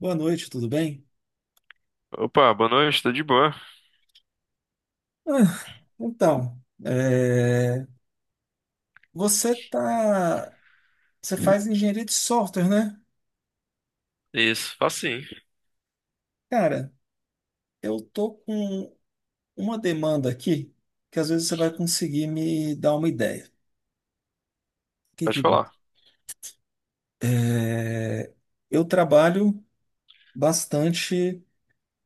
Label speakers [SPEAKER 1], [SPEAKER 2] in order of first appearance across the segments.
[SPEAKER 1] Boa noite, tudo bem?
[SPEAKER 2] Opa, boa noite, tudo de boa?
[SPEAKER 1] Ah, então, você tá, você faz engenharia de software, né?
[SPEAKER 2] Isso, faço sim.
[SPEAKER 1] Cara, eu tô com uma demanda aqui que às vezes você vai conseguir me dar uma ideia. O que
[SPEAKER 2] Pode
[SPEAKER 1] que-
[SPEAKER 2] falar.
[SPEAKER 1] é, É, Eu trabalho bastante,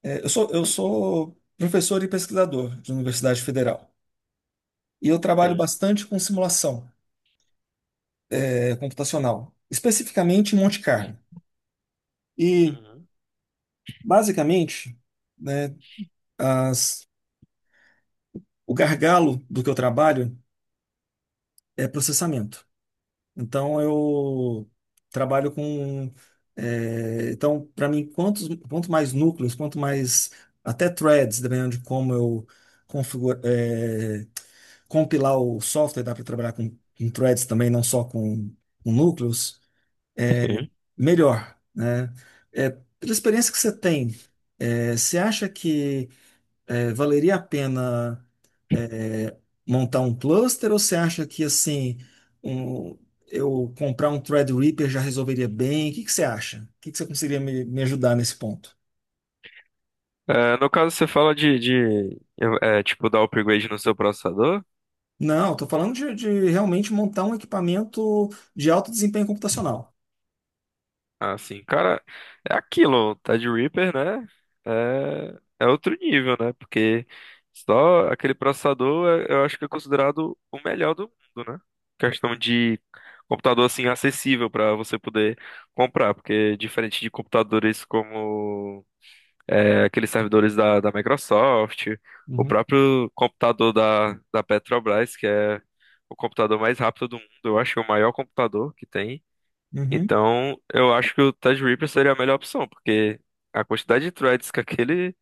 [SPEAKER 1] eu sou professor e pesquisador de Universidade Federal e eu trabalho
[SPEAKER 2] Sim.
[SPEAKER 1] bastante com simulação, computacional, especificamente em Monte Carlo. E
[SPEAKER 2] Uhum.
[SPEAKER 1] basicamente, né? as- o gargalo do que eu trabalho é processamento. Então eu trabalho então para mim quanto mais núcleos, quanto mais até threads, dependendo de como eu configura, compilar o software, dá para trabalhar com threads também, não só com núcleos,
[SPEAKER 2] Sim.
[SPEAKER 1] melhor, né? É, pela experiência que você tem, você acha que valeria a pena é, montar um cluster ou você acha que assim um- eu comprar um Threadripper já resolveria bem? O que que você acha? O que que você conseguiria me ajudar nesse ponto?
[SPEAKER 2] No caso, você fala de, tipo, dar upgrade no seu processador?
[SPEAKER 1] Não, estou falando de realmente montar um equipamento de alto desempenho computacional.
[SPEAKER 2] Ah, sim. Cara, é aquilo, tá de Reaper, né? É outro nível, né? Porque só aquele processador, eu acho que é considerado o melhor do mundo, né? Questão de computador, assim, acessível pra você poder comprar. Porque diferente de computadores como aqueles servidores da Microsoft, o
[SPEAKER 1] Uhum.
[SPEAKER 2] próprio computador da Petrobras, que é o computador mais rápido do mundo, eu acho que é o maior computador que tem.
[SPEAKER 1] Uhum.
[SPEAKER 2] Então, eu acho que o Tide seria a melhor opção, porque a quantidade de threads que aquele,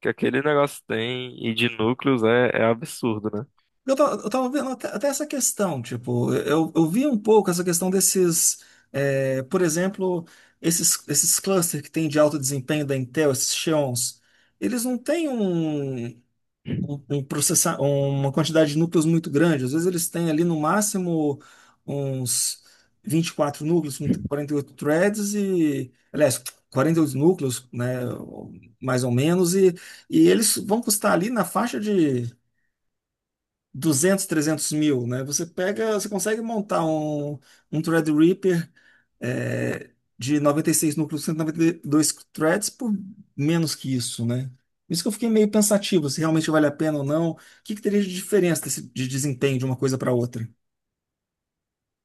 [SPEAKER 2] que aquele negócio tem e de núcleos é absurdo, né?
[SPEAKER 1] Eu tava vendo até essa questão, tipo, eu vi um pouco essa questão desses, por exemplo, esses clusters que tem de alto desempenho da Intel, esses Xeons, eles não têm uma quantidade de núcleos muito grande, às vezes eles têm ali no máximo uns 24 núcleos, com 48 threads e, aliás, 48 núcleos, né, mais ou menos, e eles vão custar ali na faixa de 200, 300 mil, né? Você pega, você consegue montar um Threadripper de 96 núcleos, 192 threads por menos que isso, né? Isso que eu fiquei meio pensativo, se realmente vale a pena ou não. O que que teria de diferença de desempenho de uma coisa para outra?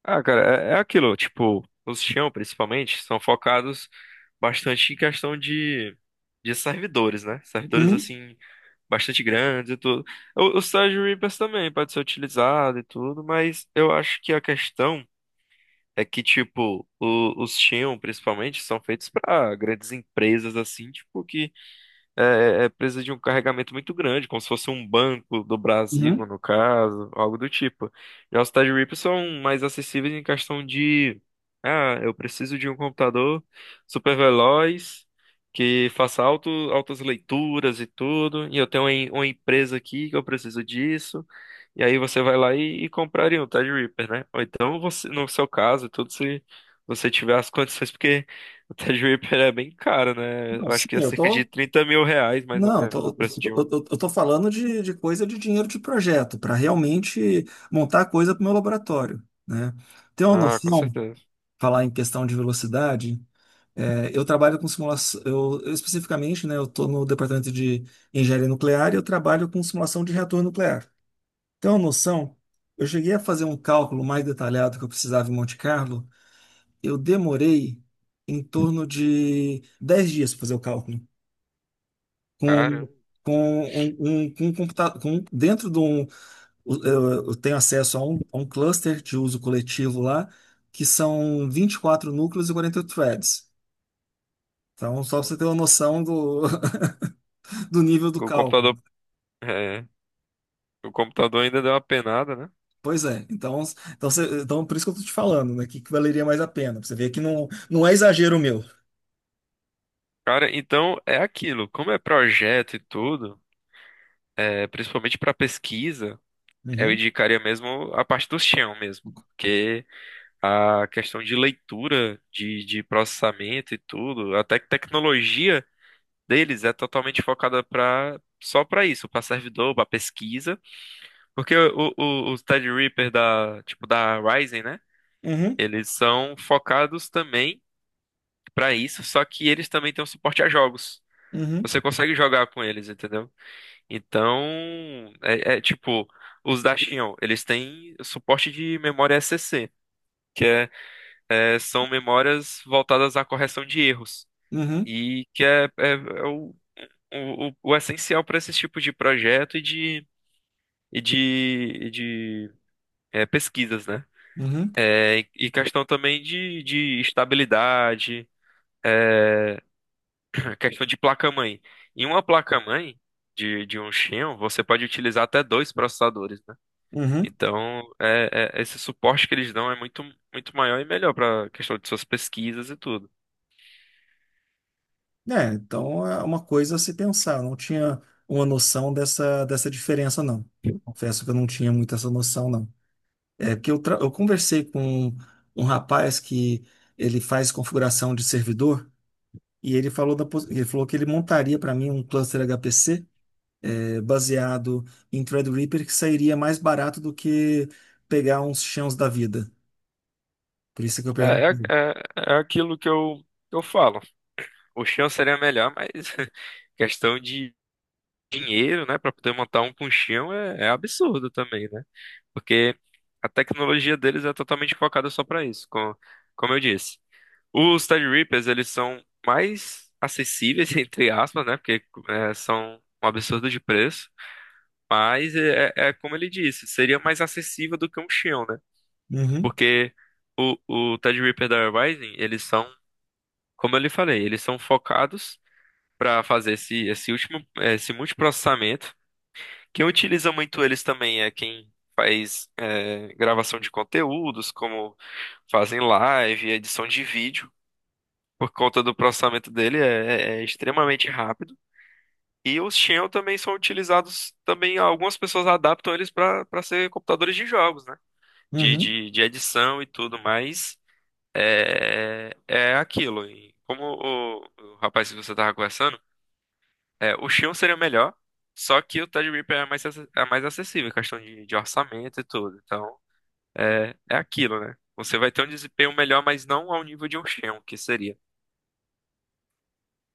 [SPEAKER 2] Ah, cara, é aquilo, tipo, os Xeon, principalmente, são focados bastante em questão de servidores, né? Servidores,
[SPEAKER 1] Uhum,
[SPEAKER 2] assim, bastante grandes e tudo. O Sérgio Ribas também pode ser utilizado e tudo, mas eu acho que a questão é que, tipo, os Xeon, principalmente, são feitos para grandes empresas, assim, tipo, que é, precisa de um carregamento muito grande, como se fosse um Banco do Brasil,
[SPEAKER 1] uhum.
[SPEAKER 2] no caso, algo do tipo. Já os TidyRips são mais acessíveis em questão de, ah, eu preciso de um computador super veloz, que faça altas leituras e tudo, e eu tenho uma empresa aqui que eu preciso disso, e aí você vai lá e compraria um TidyRipper, né? Ou então, você, no seu caso, tudo se você tiver as condições, porque o Ted Reaper é bem caro, né?
[SPEAKER 1] Não,
[SPEAKER 2] Eu acho
[SPEAKER 1] sim,
[SPEAKER 2] que é
[SPEAKER 1] eu
[SPEAKER 2] cerca de
[SPEAKER 1] tô.
[SPEAKER 2] R$ 30.000, mais ou
[SPEAKER 1] Não,
[SPEAKER 2] menos, o preço de um.
[SPEAKER 1] eu tô falando de coisa de dinheiro de projeto, para realmente montar coisa para o meu laboratório, né? Tem uma
[SPEAKER 2] Ah, com
[SPEAKER 1] noção,
[SPEAKER 2] certeza.
[SPEAKER 1] falar em questão de velocidade? É, eu trabalho com simulação, eu especificamente, né, eu estou no departamento de engenharia nuclear e eu trabalho com simulação de reator nuclear. Então, uma noção, eu cheguei a fazer um cálculo mais detalhado que eu precisava em Monte Carlo, eu demorei em torno de 10 dias para fazer o cálculo, com,
[SPEAKER 2] Caramba.
[SPEAKER 1] com um computador, eu, eu tenho acesso a um cluster de uso coletivo lá, que são 24 núcleos e 48 threads. Então, só para você ter uma noção do nível do
[SPEAKER 2] O
[SPEAKER 1] cálculo.
[SPEAKER 2] computador, é, o computador ainda deu uma penada, né?
[SPEAKER 1] Pois é. Então por isso que eu tô te falando, né? Que valeria mais a pena. Pra você vê que não, não é exagero meu.
[SPEAKER 2] Cara, então é aquilo. Como é projeto e tudo, principalmente para pesquisa, eu
[SPEAKER 1] Uhum,
[SPEAKER 2] indicaria mesmo a parte do chão mesmo. Porque a questão de leitura, de processamento e tudo, até que tecnologia deles é totalmente focada para só para isso, para servidor, para pesquisa. Porque os Tide Reaper da, tipo, da Ryzen, né?
[SPEAKER 1] uhum,
[SPEAKER 2] Eles são focados também pra isso, só que eles também têm um suporte a jogos.
[SPEAKER 1] uhum,
[SPEAKER 2] Você consegue jogar com eles, entendeu? Então, é tipo, os da Xeon, eles têm suporte de memória SCC, que é, são memórias voltadas à correção de erros.
[SPEAKER 1] uhum,
[SPEAKER 2] E que é, é- é o essencial para esse tipo de projeto e de, e de pesquisas, né?
[SPEAKER 1] uhum,
[SPEAKER 2] É, e questão também de estabilidade, é, questão de placa-mãe. Em uma placa-mãe de um Xeon, você pode utilizar até dois processadores, né?
[SPEAKER 1] uhum.
[SPEAKER 2] Então, esse suporte que eles dão é muito, muito maior e melhor para questão de suas pesquisas e tudo.
[SPEAKER 1] É, então é uma coisa a se pensar. Não tinha uma noção dessa diferença, não. Eu confesso que eu não tinha muito essa noção, não. É porque eu conversei com um rapaz que ele faz configuração de servidor e ele falou que ele montaria para mim um cluster HPC baseado em Threadripper que sairia mais barato do que pegar uns chãos da vida. Por isso que eu
[SPEAKER 2] É, é,
[SPEAKER 1] pergunto.
[SPEAKER 2] é, é aquilo que eu falo. O Xeon seria melhor, mas questão de dinheiro, né, para poder montar um com Xeon é absurdo também, né? Porque a tecnologia deles é totalmente focada só para isso, como, eu disse. Os Tide Reapers, eles são mais acessíveis, entre aspas, né? Porque é, são um absurdo de preço, mas é como ele disse, seria mais acessível do que um Xeon, né?
[SPEAKER 1] Uhum,
[SPEAKER 2] Porque o Tide Reaper da Rising, eles são, como eu lhe falei, eles são focados para fazer esse multiprocessamento. Quem utiliza muito eles também é quem faz gravação de conteúdos, como fazem live, edição de vídeo. Por conta do processamento dele é extremamente rápido. E os Xeon também são utilizados, também algumas pessoas adaptam eles para ser computadores de jogos, né?
[SPEAKER 1] uhum.
[SPEAKER 2] De edição e tudo mais. É, é aquilo. E como o rapaz que você estava conversando, é, o Xion seria o melhor, só que o Tide Reaper é mais acessível, questão de orçamento e tudo. Então, é, é aquilo, né? Você vai ter um desempenho melhor, mas não ao nível de um Xion, que seria.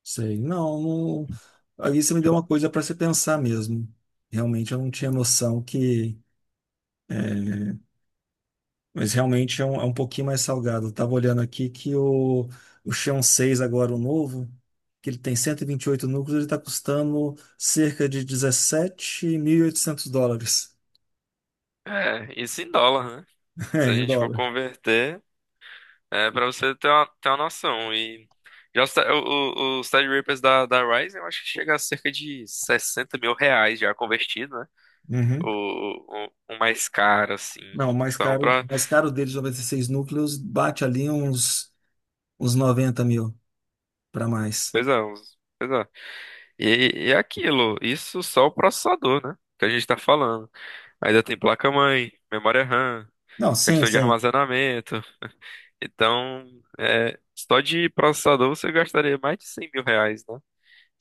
[SPEAKER 1] Sei. Não, não... Aí você me deu uma coisa para você pensar mesmo. Realmente eu não tinha noção que. é, Mas realmente é um pouquinho mais salgado. Eu tava olhando aqui que o Xeon seis agora, o novo, que ele tem 128 núcleos, ele está custando cerca de 17.800 dólares.
[SPEAKER 2] É, isso em dólar, né?
[SPEAKER 1] É,
[SPEAKER 2] Se a
[SPEAKER 1] em
[SPEAKER 2] gente for
[SPEAKER 1] dólar.
[SPEAKER 2] converter, é pra você ter ter uma noção. E já os, Ti- o- os Tide Reapers da Ryzen, eu acho que chega a cerca de R$ 60.000 já convertido, né?
[SPEAKER 1] Uhum.
[SPEAKER 2] O mais caro, assim.
[SPEAKER 1] Não,
[SPEAKER 2] Então, pra.
[SPEAKER 1] o mais caro deles, 96 núcleos, bate ali uns 90 mil para mais.
[SPEAKER 2] Pois é, pois é. E é aquilo, isso só o processador, né? Que a gente tá falando. Ainda tem placa-mãe, memória RAM,
[SPEAKER 1] Não, sim,
[SPEAKER 2] questão de
[SPEAKER 1] sim.
[SPEAKER 2] armazenamento. Então, é, só de processador você gastaria mais de R$ 100.000, né?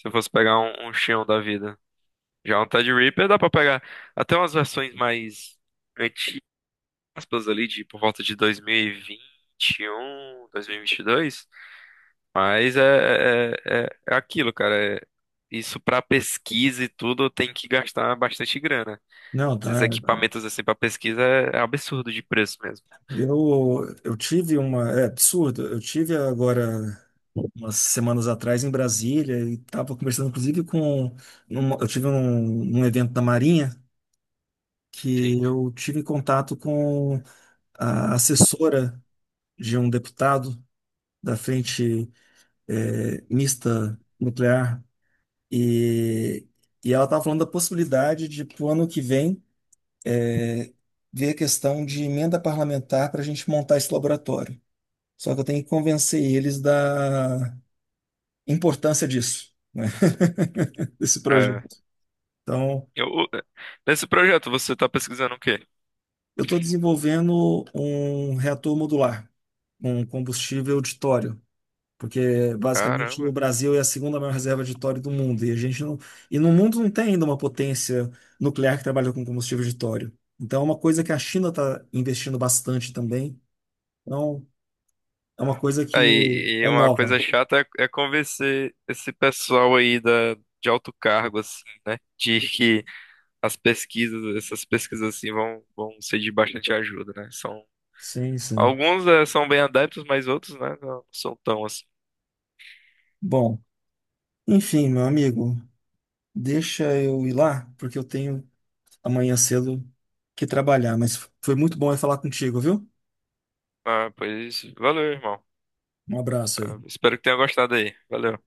[SPEAKER 2] Se eu fosse pegar um Xeon da vida. Já um Threadripper dá pra pegar até umas versões mais antigas aspas, ali, de por volta de dois mil e um, dois mil e vinte um 2021, dois mas é, é aquilo, cara. Isso para pesquisa e tudo tem que gastar bastante grana.
[SPEAKER 1] Não, tá.
[SPEAKER 2] Esses equipamentos assim para pesquisa é absurdo de preço mesmo.
[SPEAKER 1] Eu tive uma. É absurdo. Eu tive agora, umas semanas atrás, em Brasília, e estava conversando, inclusive, com. Eu tive um evento da Marinha
[SPEAKER 2] Sim.
[SPEAKER 1] que eu tive contato com a assessora de um deputado da Frente Mista Nuclear. E, e ela estava falando da possibilidade de, para o ano que vem, é, ver a questão de emenda parlamentar para a gente montar esse laboratório. Só que eu tenho que convencer eles da importância disso, né? Desse projeto.
[SPEAKER 2] É.
[SPEAKER 1] Então,
[SPEAKER 2] Eu- Nesse projeto você tá pesquisando o quê?
[SPEAKER 1] eu estou desenvolvendo um reator modular, um combustível de tório. Porque basicamente o
[SPEAKER 2] Caramba.
[SPEAKER 1] Brasil é a segunda maior reserva de tório do mundo e a gente não, e no mundo não tem ainda uma potência nuclear que trabalha com combustível de tório. Então é uma coisa que a China está investindo bastante também. Então é uma coisa que
[SPEAKER 2] Aí, e
[SPEAKER 1] é
[SPEAKER 2] uma coisa
[SPEAKER 1] nova.
[SPEAKER 2] chata é convencer esse pessoal aí da, de alto cargo, assim, né? De que as pesquisas, essas pesquisas assim vão ser de bastante ajuda, né? São,
[SPEAKER 1] Sim, sim.
[SPEAKER 2] alguns são bem adeptos, mas outros, né, não são tão assim.
[SPEAKER 1] Bom, enfim, meu amigo, deixa eu ir lá porque eu tenho amanhã cedo que trabalhar, mas foi muito bom eu falar contigo, viu?
[SPEAKER 2] Ah, pois valeu, irmão.
[SPEAKER 1] Um abraço aí.
[SPEAKER 2] Eu espero que tenha gostado aí. Valeu.